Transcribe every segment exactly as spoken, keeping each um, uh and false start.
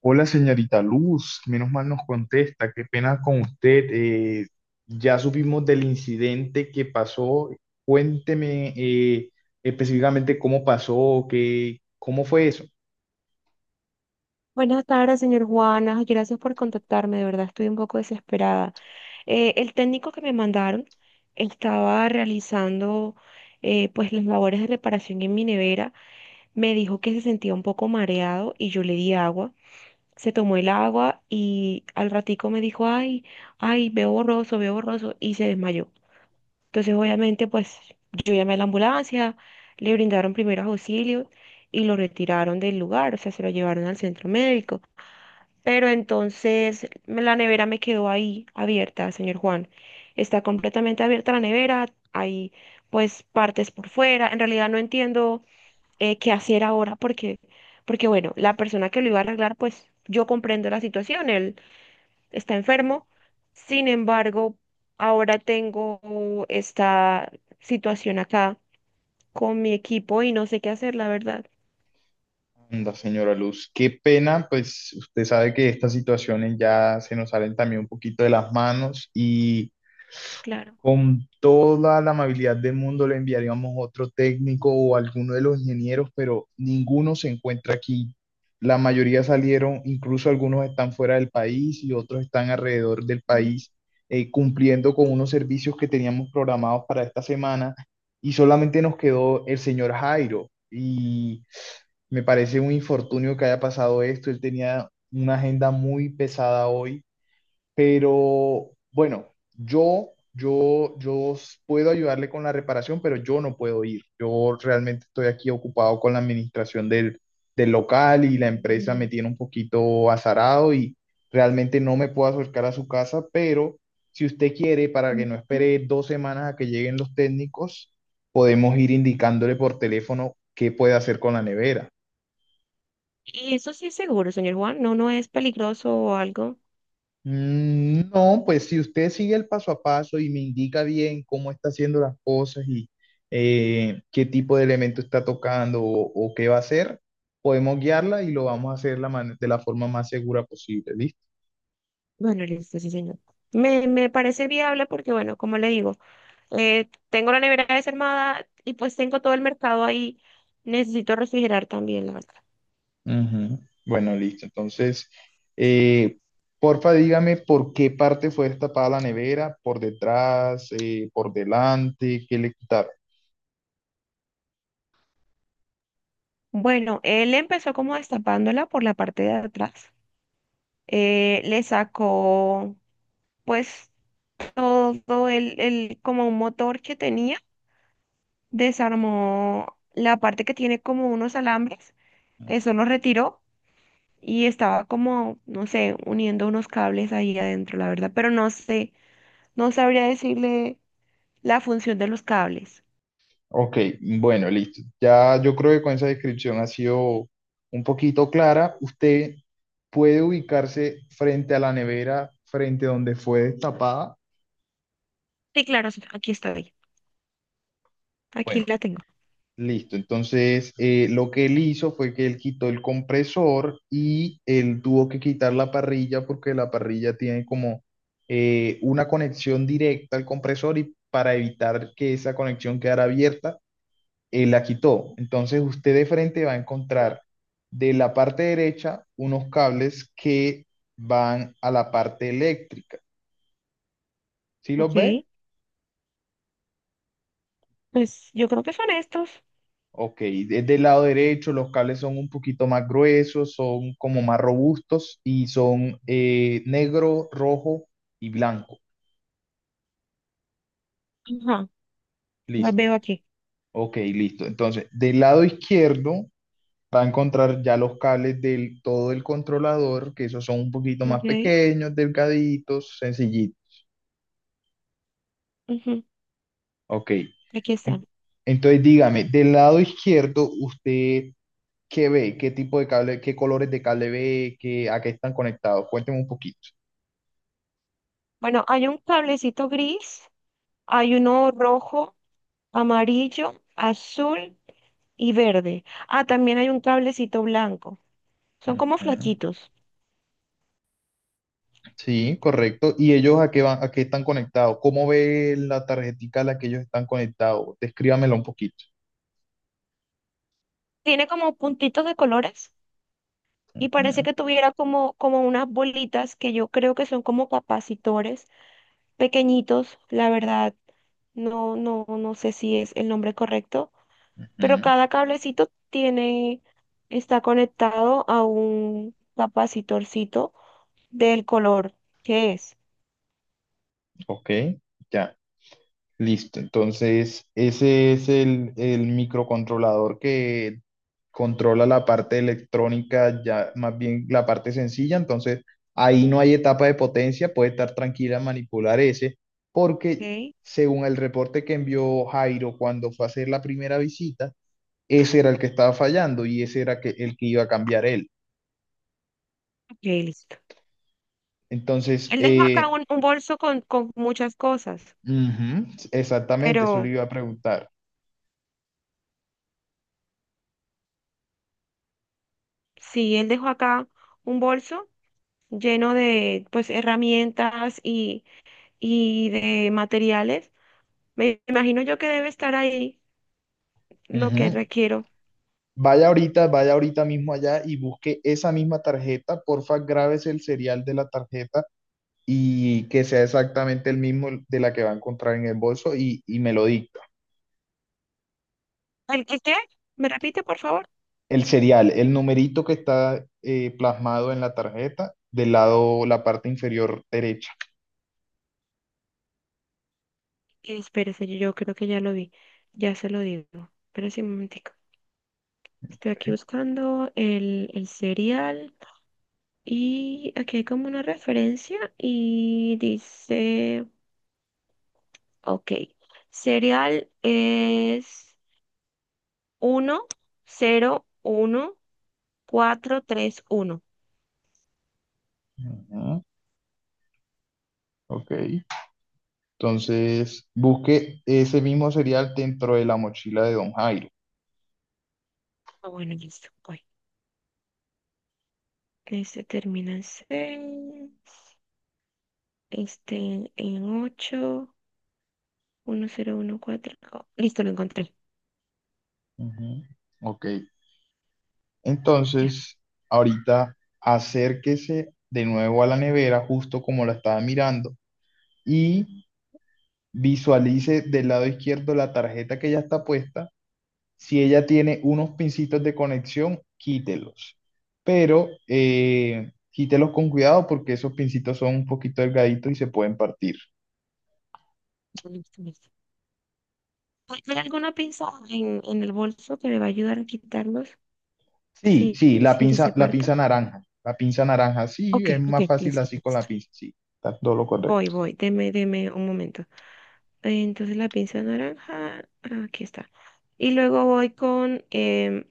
Hola, señorita Luz, menos mal nos contesta, qué pena con usted. Eh, ya supimos del incidente que pasó. Cuénteme, eh, específicamente cómo pasó, qué, cómo fue eso. Buenas tardes, señor Juana. Gracias por contactarme. De verdad, estoy un poco desesperada. Eh, el técnico que me mandaron estaba realizando, eh, pues, las labores de reparación en mi nevera. Me dijo que se sentía un poco mareado y yo le di agua. Se tomó el agua y al ratico me dijo, ay, ay, veo borroso, veo borroso, y se desmayó. Entonces, obviamente, pues yo llamé a la ambulancia, le brindaron primeros auxilios y lo retiraron del lugar, o sea, se lo llevaron al centro médico. Pero entonces me- la nevera me quedó ahí abierta, señor Juan. Está completamente abierta la nevera, hay pues partes por fuera. En realidad no entiendo eh, qué hacer ahora porque, porque bueno, la persona que lo iba a arreglar, pues yo comprendo la situación, él está enfermo. Sin embargo, ahora tengo esta situación acá con mi equipo y no sé qué hacer, la verdad. Anda, señora Luz, qué pena, pues usted sabe que estas situaciones ya se nos salen también un poquito de las manos. Y Claro. con toda la amabilidad del mundo le enviaríamos otro técnico o alguno de los ingenieros, pero ninguno se encuentra aquí. La mayoría salieron, incluso algunos están fuera del país y otros están alrededor del país, eh, cumpliendo con unos servicios que teníamos programados para esta semana, y solamente nos quedó el señor Jairo. Y me parece un infortunio que haya pasado esto. Él tenía una agenda muy pesada hoy, pero bueno, yo, yo, yo s- puedo ayudarle con la reparación, pero yo no puedo ir. Yo realmente estoy aquí ocupado con la administración del, del local, y la empresa me tiene un poquito azarado y realmente no me puedo acercar a su casa, pero si usted quiere, para que no Ujú. espere dos semanas a que lleguen los técnicos, podemos ir indicándole por teléfono qué puede hacer con la nevera. ¿Y eso sí es seguro, señor Juan, no, no es peligroso o algo? Mm, no, pues si usted sigue el paso a paso y me indica bien cómo está haciendo las cosas y eh, qué tipo de elemento está tocando o, o qué va a hacer, podemos guiarla y lo vamos a hacer la man- de la forma más segura posible, ¿listo? Bueno, listo, sí, señor. Me, me parece viable porque, bueno, como le digo, eh, tengo la nevera desarmada y pues tengo todo el mercado ahí. Necesito refrigerar también, la verdad. Ujú. Bueno, listo. Entonces, eh, porfa, dígame por qué parte fue destapada la nevera, por detrás, eh, por delante, qué le quitaron. Bueno, él empezó como destapándola por la parte de atrás. Eh, le sacó, pues, todo el, el, como un motor que tenía. Desarmó la parte que tiene como unos alambres. Eso lo retiró y estaba como, no sé, uniendo unos cables ahí adentro, la verdad, pero no sé, no sabría decirle la función de los cables. Ok, bueno, listo. Ya yo creo que con esa descripción ha sido un poquito clara. Usted puede ubicarse frente a la nevera, frente a donde fue destapada. Sí, claro, sí, aquí estoy, Bueno, aquí la tengo. listo. Entonces, eh, lo que él hizo fue que él quitó el compresor, y él tuvo que quitar la parrilla porque la parrilla tiene como eh, una conexión directa al compresor, y para evitar que esa conexión quedara abierta, eh, la quitó. Entonces usted de frente va a encontrar de la parte derecha unos cables que van a la parte eléctrica. ¿Sí los ve? Ok, pues yo creo que son estos. Ok, desde el lado derecho los cables son un poquito más gruesos, son como más robustos y son, eh, negro, rojo y blanco. Ajá, los Listo. veo aquí. Ok, listo. Entonces, del lado izquierdo va a encontrar ya los cables del todo el controlador, que esos son un poquito más Ok, pequeños, delgaditos, sencillitos. ujú, Ok. aquí En- están. Entonces dígame, del lado izquierdo, ¿usted qué ve? ¿Qué tipo de cable, qué colores de cable ve? ¿Qué, a qué están conectados? Cuénteme un poquito. Bueno, hay un cablecito gris, hay uno rojo, amarillo, azul y verde. Ah, también hay un cablecito blanco. Son como Ujú. flaquitos. Sí, correcto. ¿Y ellos a qué van, a qué están conectados? ¿Cómo ve la tarjetica a la que ellos están conectados? Descríbamela un poquito. Tiene como puntitos de colores, y parece Ujú, que tuviera como, como unas bolitas que yo creo que son como capacitores pequeñitos, la verdad, no, no, no sé si es el nombre correcto, pero ujú. cada cablecito tiene, está conectado a un capacitorcito del color que es. Ok, ya. Listo, entonces ese es el, el microcontrolador que controla la parte electrónica, ya más bien la parte sencilla. Entonces ahí no hay etapa de potencia, puede estar tranquila en manipular ese, porque Ok, según el reporte que envió Jairo cuando fue a hacer la primera visita, ese era el que estaba fallando y ese era que, el que iba a cambiar él. ok, listo. Entonces, Él dejó acá eh, un, un bolso con, con muchas cosas, ujú, exactamente, eso le pero iba a preguntar. sí, él dejó acá un bolso lleno de pues herramientas y y de materiales. Me imagino yo que debe estar ahí lo que Ujú. requiero. Vaya ahorita, vaya ahorita mismo allá y busque esa misma tarjeta. Porfa, grábese el serial de la tarjeta y que sea exactamente el mismo de la que va a encontrar en el bolso, y, y me lo dicta. ¿El, el qué? ¿Me repite, por favor? El serial, el numerito que está, eh, plasmado en la tarjeta del lado, la parte inferior derecha. Espérese, yo yo creo que ya lo vi. Ya se lo digo. Espérese un momentico. Estoy aquí buscando el, el serial y aquí hay como una referencia y dice, ok, serial es uno cero uno cuatro tres uno. Ujú. Ok. Entonces, busque ese mismo serial dentro de la mochila de Don Jairo. Ah, bueno, listo. Ok. Este termina en seis, este en ocho, mil catorce. Oh, listo, lo encontré. Ujú. Ok. Ya, Entonces, ahorita acérquese de nuevo a la nevera, justo como la estaba mirando, y visualice del lado izquierdo la tarjeta que ya está puesta. Si ella tiene unos pincitos de conexión, quítelos, pero eh, quítelos con cuidado porque esos pincitos son un poquito delgaditos y se pueden partir. listo, listo. ¿Hay hay alguna pinza en, en el bolso que me va a ayudar a quitarlos Sí, sin, sí, la sin que pinza, se la pinza parta? naranja, la pinza naranja, sí, Ok, es ok, más fácil listo, así con la listo. pinza, sí, está todo lo Voy, correcto. voy, deme, deme un momento. Eh, Entonces, la pinza naranja, aquí está. Y luego voy con em,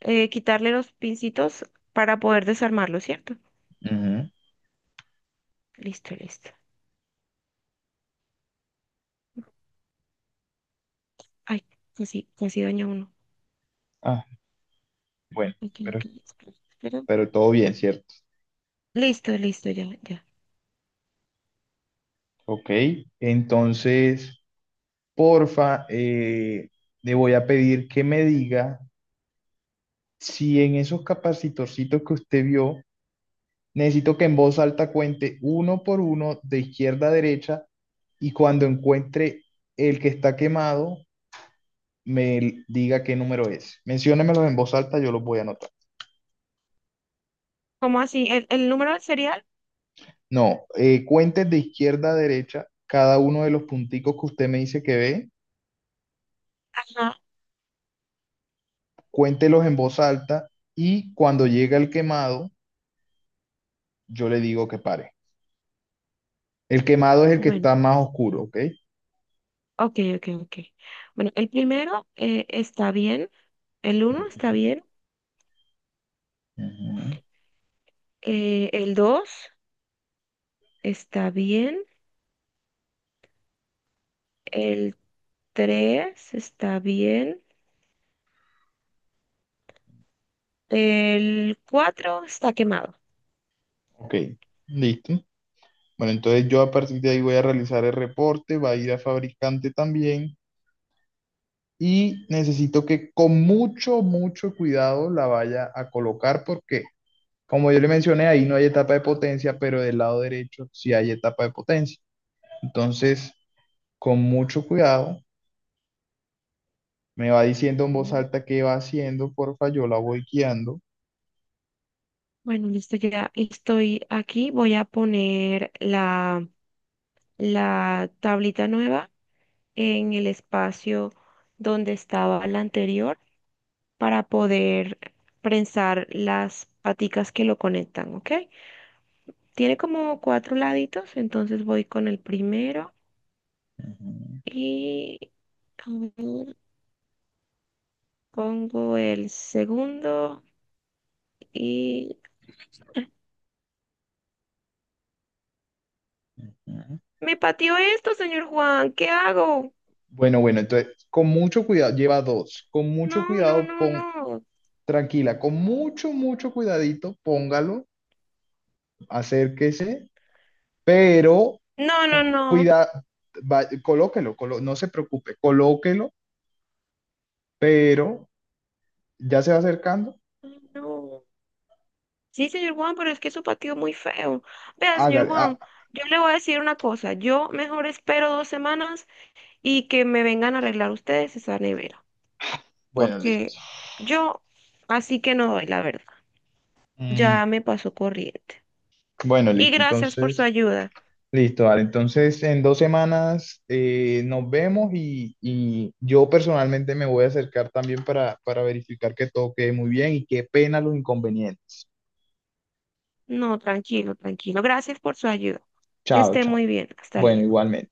eh, quitarle los pincitos para poder desarmarlo, ¿cierto? Ujú. Listo, listo. Ay, casi, casi daña uno. Ah, bueno, Ok, pero ok, espera, espera. pero todo bien, ¿cierto? Listo, listo, ya, ya. Ok, entonces, porfa, eh, le voy a pedir que me diga si en esos capacitorcitos que usted vio, necesito que en voz alta cuente uno por uno de izquierda a derecha, y cuando encuentre el que está quemado, me l- diga qué número es. Menciónemelos en voz alta, yo los voy a anotar. ¿Cómo así? ¿El, el número del serial? No, eh, cuente de izquierda a derecha cada uno de los punticos que usted me dice que ve, Ajá. cuéntelos en voz alta, y cuando llega el quemado, yo le digo que pare. El quemado es el que Bueno, está más oscuro, ¿ok? ok, ok, ok. Bueno, el primero, eh, está bien, el uno está bien, Ujú. eh, el dos está bien, el tres está bien, el cuatro está quemado. Ok, listo. Bueno, entonces yo a partir de ahí voy a realizar el reporte, va a ir a fabricante también, y necesito que con mucho, mucho cuidado la vaya a colocar porque, como yo le mencioné, ahí no hay etapa de potencia, pero del lado derecho sí hay etapa de potencia. Entonces, con mucho cuidado, me va diciendo en voz Mm. alta qué va haciendo, porfa, yo la voy guiando. Bueno, listo, ya estoy aquí. Voy a poner la, la tablita nueva en el espacio donde estaba la anterior para poder prensar las paticas que lo conectan, ¿ok? Tiene como cuatro laditos, entonces voy con el primero Ujú, y, a ver, pongo el segundo y ujú. me pateó esto, señor Juan, ¿qué hago? Bueno, bueno, entonces, con mucho cuidado, lleva dos. Con mucho No, no, cuidado, no, pon, no. tranquila, con mucho, mucho cuidadito, póngalo, acérquese, pero No, no, no. cuida, va- colóquelo, colo- no se preocupe, colóquelo, pero ya se va acercando, Ay, no. Sí, señor Juan, pero es que su patio es muy feo. Vea, señor hágale. Ah, Juan, yo le voy a decir una cosa. Yo mejor espero dos semanas y que me vengan a arreglar ustedes esa nevera. bueno, listo. Porque yo así que no doy, la verdad. Mm, Ya me pasó corriente. bueno, Y listo, gracias por su entonces. ayuda. Listo, vale. Entonces, en dos semanas, eh, nos vemos, y, y yo personalmente me voy a acercar también para, para verificar que todo quede muy bien, y qué pena los inconvenientes. No, tranquilo, tranquilo. Gracias por su ayuda. Que Chao, esté chao. muy bien. Hasta Bueno, luego. igualmente.